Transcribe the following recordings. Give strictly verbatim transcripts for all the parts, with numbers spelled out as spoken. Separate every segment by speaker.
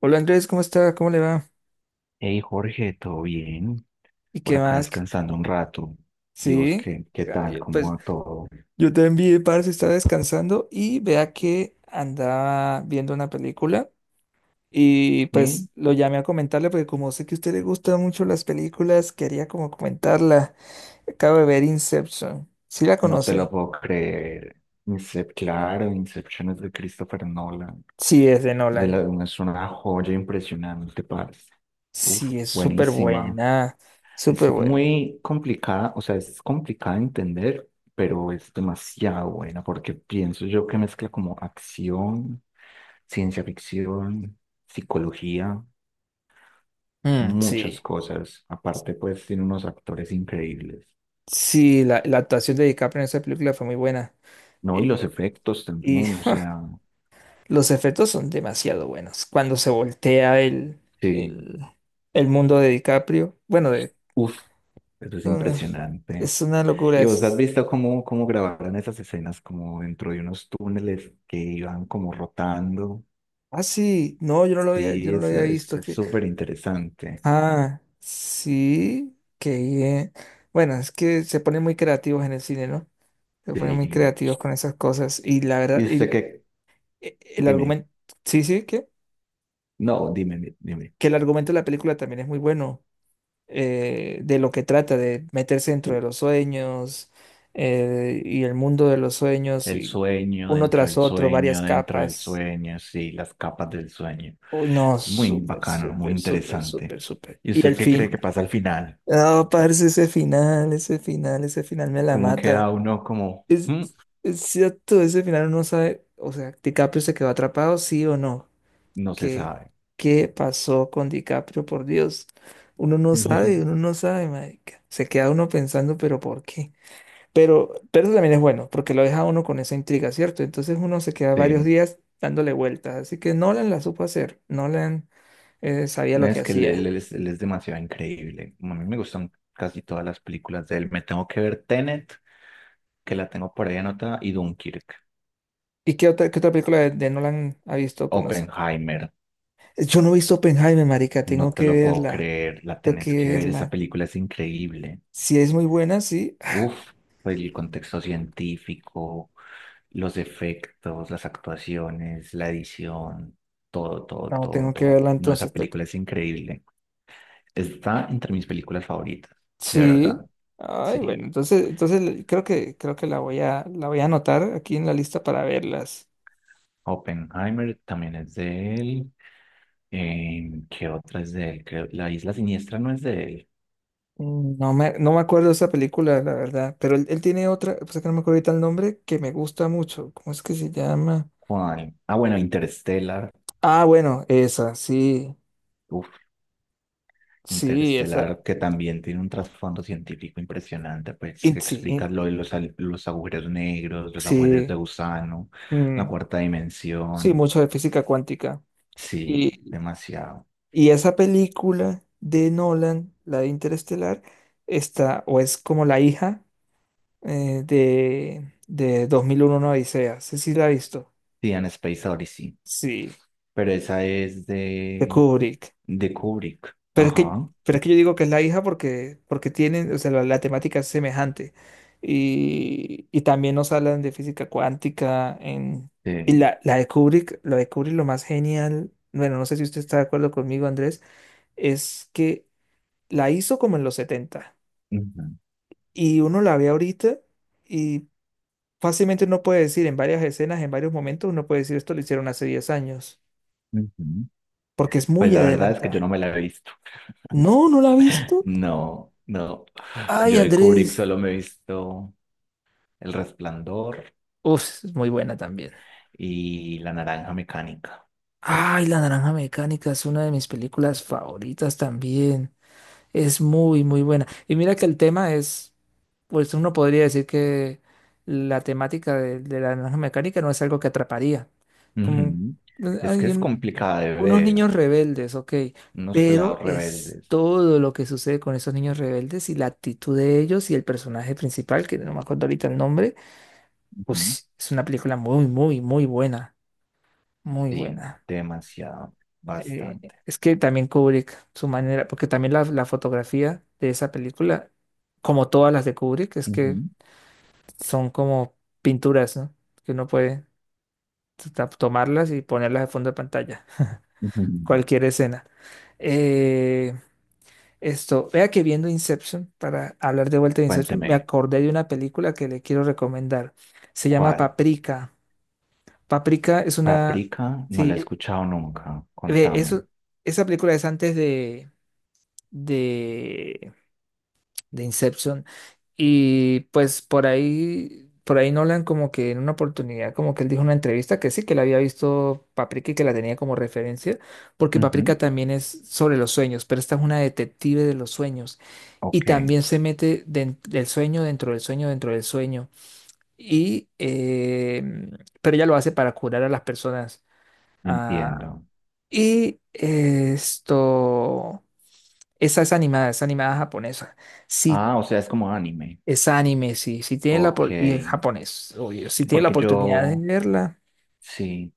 Speaker 1: Hola Andrés, ¿cómo está? ¿Cómo le va?
Speaker 2: Hey Jorge, ¿todo bien?
Speaker 1: ¿Y
Speaker 2: Por
Speaker 1: qué
Speaker 2: acá
Speaker 1: más? ¿Qué-
Speaker 2: descansando un rato. ¿Y vos
Speaker 1: Sí,
Speaker 2: qué, qué tal?
Speaker 1: ay,
Speaker 2: ¿Cómo
Speaker 1: pues
Speaker 2: va todo?
Speaker 1: yo te envié, parce, estaba descansando y vea que andaba viendo una película y
Speaker 2: Sí,
Speaker 1: pues lo llamé a comentarle porque como sé que a usted le gustan mucho las películas, quería como comentarla. Acabo de ver Inception. ¿Sí la
Speaker 2: no te lo
Speaker 1: conoce?
Speaker 2: puedo creer. Incep, claro, Inception es de Christopher Nolan.
Speaker 1: Sí, es de
Speaker 2: De la,
Speaker 1: Nolan.
Speaker 2: es una joya impresionante, parce. Uf,
Speaker 1: Sí, es súper
Speaker 2: buenísima.
Speaker 1: buena,
Speaker 2: Es
Speaker 1: súper buena.
Speaker 2: muy complicada, o sea, es complicada de entender, pero es demasiado buena porque pienso yo que mezcla como acción, ciencia ficción, psicología.
Speaker 1: Mm,
Speaker 2: Muchas
Speaker 1: sí,
Speaker 2: cosas. Aparte, pues tiene unos actores increíbles,
Speaker 1: sí, la, la actuación de DiCaprio en esa película fue muy buena.
Speaker 2: ¿no? Y los
Speaker 1: Y,
Speaker 2: efectos
Speaker 1: y
Speaker 2: también, o sea,
Speaker 1: los efectos son demasiado buenos. Cuando se voltea el,
Speaker 2: sí,
Speaker 1: el, el mundo de DiCaprio, bueno, de,
Speaker 2: uff, eso es
Speaker 1: no, no,
Speaker 2: impresionante.
Speaker 1: es una locura.
Speaker 2: ¿Y vos has
Speaker 1: Es,
Speaker 2: visto cómo, cómo grabaron esas escenas como dentro de unos túneles que iban como rotando?
Speaker 1: ah, sí, no, yo no lo había, yo
Speaker 2: Sí,
Speaker 1: no lo
Speaker 2: es
Speaker 1: había
Speaker 2: es
Speaker 1: visto. Es
Speaker 2: es
Speaker 1: que,
Speaker 2: súper interesante.
Speaker 1: ah, sí, que bien. Bueno, es que se ponen muy creativos en el cine, ¿no? Se ponen muy
Speaker 2: Sí.
Speaker 1: creativos con esas cosas. Y la verdad,
Speaker 2: ¿Y usted
Speaker 1: y,
Speaker 2: qué?
Speaker 1: e- el
Speaker 2: Dime.
Speaker 1: argumento, sí, sí, que,
Speaker 2: No, dime, dime.
Speaker 1: que el argumento de la película también es muy bueno. eh, de lo que trata, de meterse dentro de los sueños, eh, y el mundo de los sueños
Speaker 2: El
Speaker 1: y
Speaker 2: sueño,
Speaker 1: uno
Speaker 2: dentro
Speaker 1: tras
Speaker 2: del
Speaker 1: otro, varias
Speaker 2: sueño, dentro del
Speaker 1: capas.
Speaker 2: sueño, sí, las capas del sueño.
Speaker 1: Uy, no,
Speaker 2: Es muy
Speaker 1: súper,
Speaker 2: bacano, muy
Speaker 1: súper, súper,
Speaker 2: interesante.
Speaker 1: súper, súper.
Speaker 2: ¿Y
Speaker 1: Y el
Speaker 2: usted qué cree que
Speaker 1: fin.
Speaker 2: pasa al final?
Speaker 1: No, parce, ese final, ese final, ese final me la
Speaker 2: ¿Cómo
Speaker 1: mata.
Speaker 2: queda uno como,
Speaker 1: Es,
Speaker 2: "Mm",
Speaker 1: es cierto, ese final uno sabe, o sea, DiCaprio se quedó atrapado, sí o no.
Speaker 2: no se
Speaker 1: ¿Qué,
Speaker 2: sabe?
Speaker 1: qué pasó con DiCaprio, por Dios? Uno no sabe, uno no sabe, marica. Se queda uno pensando, pero ¿por qué? Pero, pero eso también es bueno, porque lo deja a uno con esa intriga, ¿cierto? Entonces uno se queda varios
Speaker 2: Sí,
Speaker 1: días dándole vueltas. Así que Nolan la supo hacer. Nolan eh, sabía
Speaker 2: no
Speaker 1: lo que
Speaker 2: es que él,
Speaker 1: hacía.
Speaker 2: él- es, él es demasiado increíble. A mí me gustan casi todas las películas de él. Me tengo que ver Tenet, que la tengo por ahí anotada, y Dunkirk.
Speaker 1: ¿Y qué otra, qué otra película de, de Nolan ha visto o conoce?
Speaker 2: Oppenheimer,
Speaker 1: Eh, Yo no he visto Oppenheimer, marica.
Speaker 2: no
Speaker 1: Tengo
Speaker 2: te
Speaker 1: que
Speaker 2: lo puedo
Speaker 1: verla.
Speaker 2: creer, la
Speaker 1: Tengo
Speaker 2: tenés
Speaker 1: que
Speaker 2: que ver, esa
Speaker 1: verla.
Speaker 2: película es increíble.
Speaker 1: Si es muy buena, sí.
Speaker 2: Uf, pues, el contexto científico, los efectos, las actuaciones, la edición, todo, todo,
Speaker 1: No,
Speaker 2: todo,
Speaker 1: tengo que
Speaker 2: todo.
Speaker 1: verla
Speaker 2: No, esa
Speaker 1: entonces. tengo que-
Speaker 2: película es increíble. Está entre mis películas favoritas, de
Speaker 1: Sí.
Speaker 2: verdad.
Speaker 1: Ay,
Speaker 2: Sí.
Speaker 1: bueno, entonces, entonces creo que, creo que la voy a, la voy a anotar aquí en la lista para verlas.
Speaker 2: Oppenheimer también es de él. Eh, ¿qué otra es de él? Creo- La Isla Siniestra no es de él.
Speaker 1: Mm, No me, no me acuerdo de esa película, la verdad, pero él, él tiene otra, pues es que no me acuerdo ahorita el nombre, que me gusta mucho. ¿Cómo es que se llama?
Speaker 2: ¿Cuál? Ah, bueno, Interstellar.
Speaker 1: Ah, bueno, esa, sí,
Speaker 2: Uf,
Speaker 1: sí, esa,
Speaker 2: Interestelar, que también tiene un trasfondo científico impresionante, pues
Speaker 1: in-
Speaker 2: que
Speaker 1: sí,
Speaker 2: explica
Speaker 1: in-
Speaker 2: lo de los, al- los agujeros negros, los agujeros de
Speaker 1: sí,
Speaker 2: gusano, la
Speaker 1: mm,
Speaker 2: cuarta
Speaker 1: sí,
Speaker 2: dimensión.
Speaker 1: mucho de física cuántica.
Speaker 2: Sí,
Speaker 1: Y,
Speaker 2: demasiado.
Speaker 1: y esa película de Nolan, la de Interestelar, está, o es como la hija eh, de, de dos mil uno, una Odisea, sí, sí la he visto,
Speaker 2: Sí, en Space Odyssey.
Speaker 1: sí,
Speaker 2: Pero esa es
Speaker 1: de
Speaker 2: de,
Speaker 1: Kubrick.
Speaker 2: de Kubrick.
Speaker 1: Pero es que,
Speaker 2: Ajá.
Speaker 1: pero es que yo digo que es la hija porque, porque tienen, o sea, la, la temática es semejante. Y, y también nos hablan de física cuántica en, y
Speaker 2: Sí.
Speaker 1: la, la de Kubrick, lo de Kubrick lo más genial, bueno, no sé si usted está de acuerdo conmigo, Andrés, es que la hizo como en los setenta
Speaker 2: Ujú,
Speaker 1: y uno la ve ahorita y fácilmente uno puede decir en varias escenas, en varios momentos, uno puede decir esto lo hicieron hace diez años,
Speaker 2: ujú.
Speaker 1: porque es
Speaker 2: Pues
Speaker 1: muy
Speaker 2: la verdad es que yo no
Speaker 1: adelantada.
Speaker 2: me la he visto.
Speaker 1: No, no la ha visto.
Speaker 2: No, no.
Speaker 1: Ay,
Speaker 2: Yo de Kubrick
Speaker 1: Andrés.
Speaker 2: solo me he visto El Resplandor
Speaker 1: Uf, es muy buena también.
Speaker 2: y La Naranja Mecánica.
Speaker 1: Ay, La Naranja Mecánica es una de mis películas favoritas también. Es muy, muy buena. Y mira que el tema es, pues uno podría decir que la temática de, de La Naranja Mecánica no es algo que atraparía. Como
Speaker 2: Ujú.
Speaker 1: eh,
Speaker 2: Es que
Speaker 1: hay
Speaker 2: es
Speaker 1: un-
Speaker 2: complicada de
Speaker 1: unos
Speaker 2: ver,
Speaker 1: niños rebeldes, ok,
Speaker 2: unos
Speaker 1: pero
Speaker 2: pelados
Speaker 1: es
Speaker 2: rebeldes.
Speaker 1: todo lo que sucede con esos niños rebeldes y la actitud de ellos y el personaje principal, que no me acuerdo ahorita el nombre,
Speaker 2: Ujú.
Speaker 1: pues es una película muy, muy, muy buena. Muy
Speaker 2: Sí,
Speaker 1: buena.
Speaker 2: demasiado,
Speaker 1: Eh,
Speaker 2: bastante.
Speaker 1: es que también Kubrick, su manera, porque también la, la fotografía de esa película, como todas las de Kubrick, es que
Speaker 2: Ujú,
Speaker 1: son como pinturas, ¿no? Que uno puede ta- tomarlas y ponerlas de fondo de pantalla,
Speaker 2: ujú.
Speaker 1: cualquier escena. Eh, esto, vea que viendo Inception, para hablar de vuelta de Inception, me
Speaker 2: Cuénteme,
Speaker 1: acordé de una película que le quiero recomendar. Se llama
Speaker 2: ¿cuál?
Speaker 1: Paprika. Paprika es una...
Speaker 2: Paprika no la
Speaker 1: Sí,
Speaker 2: he
Speaker 1: eh,
Speaker 2: escuchado nunca,
Speaker 1: ve,
Speaker 2: contame.
Speaker 1: eso, esa película es antes de... de de Inception. Y pues por ahí, por ahí Nolan como que en una oportunidad, como que él dijo en una entrevista que sí, que la había visto Paprika y que la tenía como referencia, porque
Speaker 2: Ujú,
Speaker 1: Paprika también es sobre los sueños, pero esta es una detective de los sueños. Y
Speaker 2: ok,
Speaker 1: también se mete den- del sueño dentro del sueño dentro del sueño. Y, eh, pero ella lo hace para curar a las personas. Ah,
Speaker 2: entiendo.
Speaker 1: y esto, esa es animada, es animada japonesa. Si
Speaker 2: Ah, o sea, es como anime.
Speaker 1: es anime, sí. Si tienen la
Speaker 2: Ok,
Speaker 1: por- y es japonés, obvio. Si tienen la
Speaker 2: porque
Speaker 1: oportunidad de
Speaker 2: yo,
Speaker 1: verla,
Speaker 2: sí,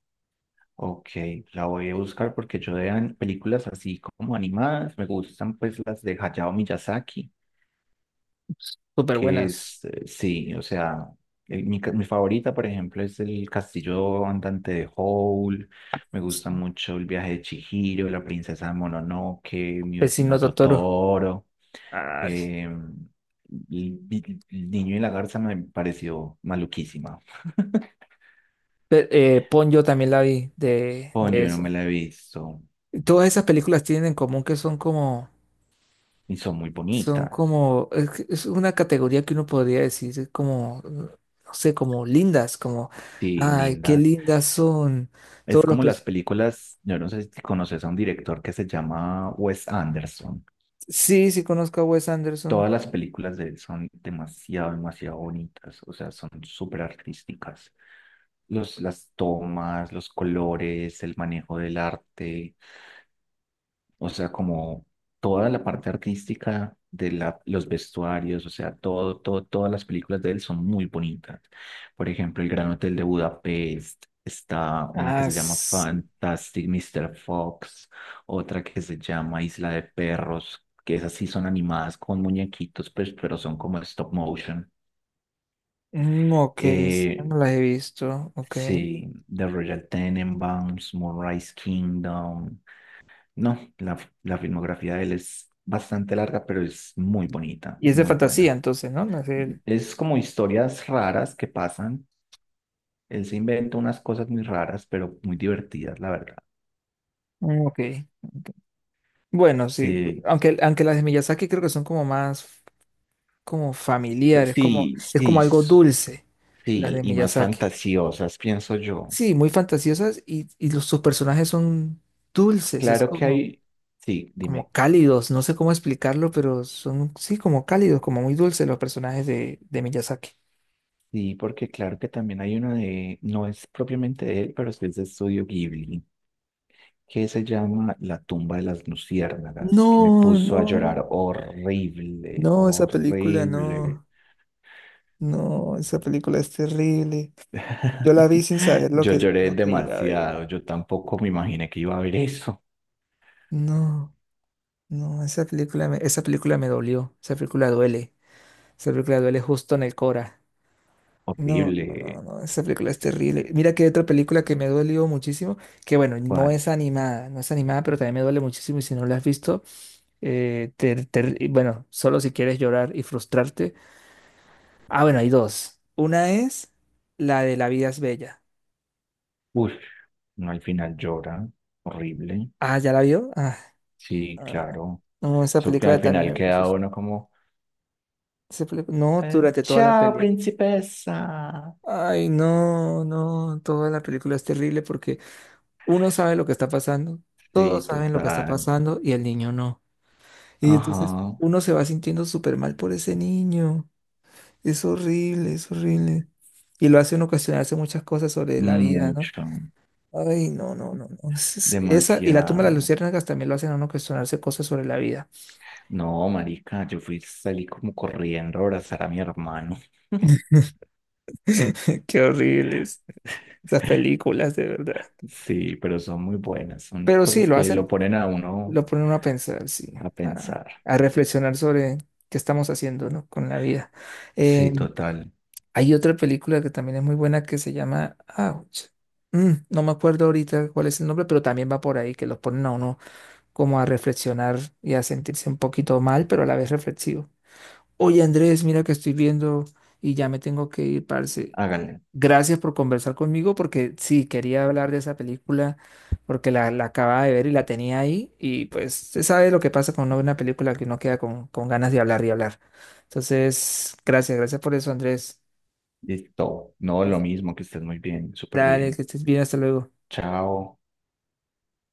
Speaker 2: ok, la voy a buscar porque yo de an- películas así como animadas, me gustan pues las de Hayao Miyazaki.
Speaker 1: súper
Speaker 2: Que
Speaker 1: buenas.
Speaker 2: es, eh, sí, o sea, el- mi, ca- mi favorita, por ejemplo, es el Castillo Andante de Howl, me gusta mucho el viaje de Chihiro, la princesa de Mononoke, mi
Speaker 1: Vecino
Speaker 2: vecino
Speaker 1: Totoro.
Speaker 2: Totoro,
Speaker 1: Ay.
Speaker 2: eh, el, el- el niño y la garza me pareció maluquísima.
Speaker 1: Pe- eh, Ponyo también la vi de,
Speaker 2: Pon,
Speaker 1: de
Speaker 2: yo no me
Speaker 1: esa.
Speaker 2: la he visto.
Speaker 1: Todas esas películas tienen en común que son como,
Speaker 2: Y son muy
Speaker 1: son
Speaker 2: bonitas.
Speaker 1: como, es, que es una categoría que uno podría decir es como, no sé, como lindas, como,
Speaker 2: Sí,
Speaker 1: ay, qué
Speaker 2: lindas.
Speaker 1: lindas son. Todos
Speaker 2: Es
Speaker 1: los
Speaker 2: como las
Speaker 1: pers-
Speaker 2: películas, yo no sé si conoces a un director que se llama Wes Anderson.
Speaker 1: Sí, sí conozco a Wes
Speaker 2: Todas
Speaker 1: Anderson.
Speaker 2: las películas de él son demasiado, demasiado bonitas, o sea, son súper artísticas. Los, las tomas, los colores, el manejo del arte, o sea, como toda la parte artística de la, los vestuarios, o sea, todo, todo, todas las películas de él son muy bonitas. Por ejemplo, El Gran Hotel de Budapest, está una que
Speaker 1: Ah,
Speaker 2: se llama
Speaker 1: s-
Speaker 2: Fantastic mister Fox, otra que se llama Isla de Perros, que esas sí son animadas con muñequitos, pues, pero son como stop motion.
Speaker 1: mm, ok, esa
Speaker 2: Eh,
Speaker 1: no las he visto, ok.
Speaker 2: sí, The Royal Tenenbaums, Moonrise Kingdom. No, la, la filmografía de él es bastante larga, pero es muy bonita,
Speaker 1: Y es de
Speaker 2: muy
Speaker 1: fantasía,
Speaker 2: buena.
Speaker 1: entonces, ¿no? No es el-
Speaker 2: Es como historias raras que pasan. Él se inventa unas cosas muy raras, pero muy divertidas, la verdad.
Speaker 1: mm, ok. Bueno, sí.
Speaker 2: Sí,
Speaker 1: Aunque, aunque las de Miyazaki creo que son como más como familiares, como,
Speaker 2: sí,
Speaker 1: es
Speaker 2: sí,
Speaker 1: como algo
Speaker 2: s-
Speaker 1: dulce, las
Speaker 2: sí,
Speaker 1: de
Speaker 2: y más
Speaker 1: Miyazaki.
Speaker 2: fantasiosas, pienso yo.
Speaker 1: Sí, muy fantasiosas y, y los, sus personajes son dulces, es
Speaker 2: Claro que
Speaker 1: como,
Speaker 2: hay, sí, dime.
Speaker 1: como cálidos, no sé cómo explicarlo, pero son, sí, como cálidos, como muy dulces los personajes de, de Miyazaki.
Speaker 2: Sí, porque claro que también hay uno de, no es propiamente de él, pero sí es de Estudio Ghibli. Que se llama La tumba de las luciérnagas, que me
Speaker 1: No,
Speaker 2: puso a
Speaker 1: no,
Speaker 2: llorar horrible,
Speaker 1: no, esa película
Speaker 2: horrible.
Speaker 1: no, no, esa película es terrible. Yo la vi sin saber lo
Speaker 2: Yo
Speaker 1: que,
Speaker 2: lloré
Speaker 1: lo que iba a ver.
Speaker 2: demasiado, yo tampoco me imaginé que iba a ver eso.
Speaker 1: No, no, esa película me, esa película me dolió. Esa película duele. Esa película duele justo en el Cora. No, no,
Speaker 2: Horrible.
Speaker 1: no, no, esa película es terrible. Mira que hay otra película que me dolió muchísimo, que bueno, no
Speaker 2: ¿Cuál?
Speaker 1: es animada, no es animada, pero también me duele muchísimo y si no la has visto, eh, te- te- y bueno, solo si quieres llorar y frustrarte. Ah, bueno, hay dos. Una es la de La vida es bella.
Speaker 2: Uf, no al final llora, horrible.
Speaker 1: Ah, ¿ya la vio? Ah,
Speaker 2: Sí,
Speaker 1: ah,
Speaker 2: claro.
Speaker 1: no, esa
Speaker 2: Eso que
Speaker 1: película
Speaker 2: al
Speaker 1: también
Speaker 2: final
Speaker 1: me puso.
Speaker 2: queda uno como,
Speaker 1: Se fle- No,
Speaker 2: eh,
Speaker 1: durante toda la
Speaker 2: chao,
Speaker 1: película.
Speaker 2: principesa.
Speaker 1: Ay, no, no, toda la película es terrible porque uno sabe lo que está pasando,
Speaker 2: Sí,
Speaker 1: todos saben lo que está
Speaker 2: total.
Speaker 1: pasando y el niño no. Y
Speaker 2: Ajá,
Speaker 1: entonces uno se va sintiendo súper mal por ese niño. Es horrible, es horrible. Y lo hace uno cuestionarse muchas cosas sobre la vida, ¿no?
Speaker 2: mucho,
Speaker 1: Ay, no, no, no, no. Es- es- Esa, y la tumba de las
Speaker 2: demasiado.
Speaker 1: luciérnagas también lo hacen a uno cuestionarse cosas sobre la vida.
Speaker 2: No, marica, yo fui, salí como corriendo a abrazar a mi hermano.
Speaker 1: Qué horribles esas películas, de verdad.
Speaker 2: Sí, pero son muy buenas, son
Speaker 1: Pero sí,
Speaker 2: cosas
Speaker 1: lo
Speaker 2: que lo
Speaker 1: hacen.
Speaker 2: ponen a uno
Speaker 1: Lo pone uno a pensar, sí,
Speaker 2: a
Speaker 1: a,
Speaker 2: pensar.
Speaker 1: a reflexionar sobre qué estamos haciendo, ¿no? con la vida. Eh,
Speaker 2: Sí, total,
Speaker 1: hay otra película que también es muy buena que se llama Ouch. Mm, no me acuerdo ahorita cuál es el nombre, pero también va por ahí, que los ponen a uno como a reflexionar y a sentirse un poquito mal, pero a la vez reflexivo. Oye, Andrés, mira que estoy viendo y ya me tengo que ir, parce.
Speaker 2: háganle.
Speaker 1: Gracias por conversar conmigo porque sí, quería hablar de esa película porque la, la acababa de ver y la tenía ahí y pues se sabe lo que pasa cuando uno ve una buena película que uno queda con, con, ganas de hablar y hablar. Entonces, gracias, gracias por eso, Andrés.
Speaker 2: Listo, no, lo mismo, que estés muy bien, súper
Speaker 1: Dale,
Speaker 2: bien.
Speaker 1: que estés bien, hasta luego.
Speaker 2: Chao.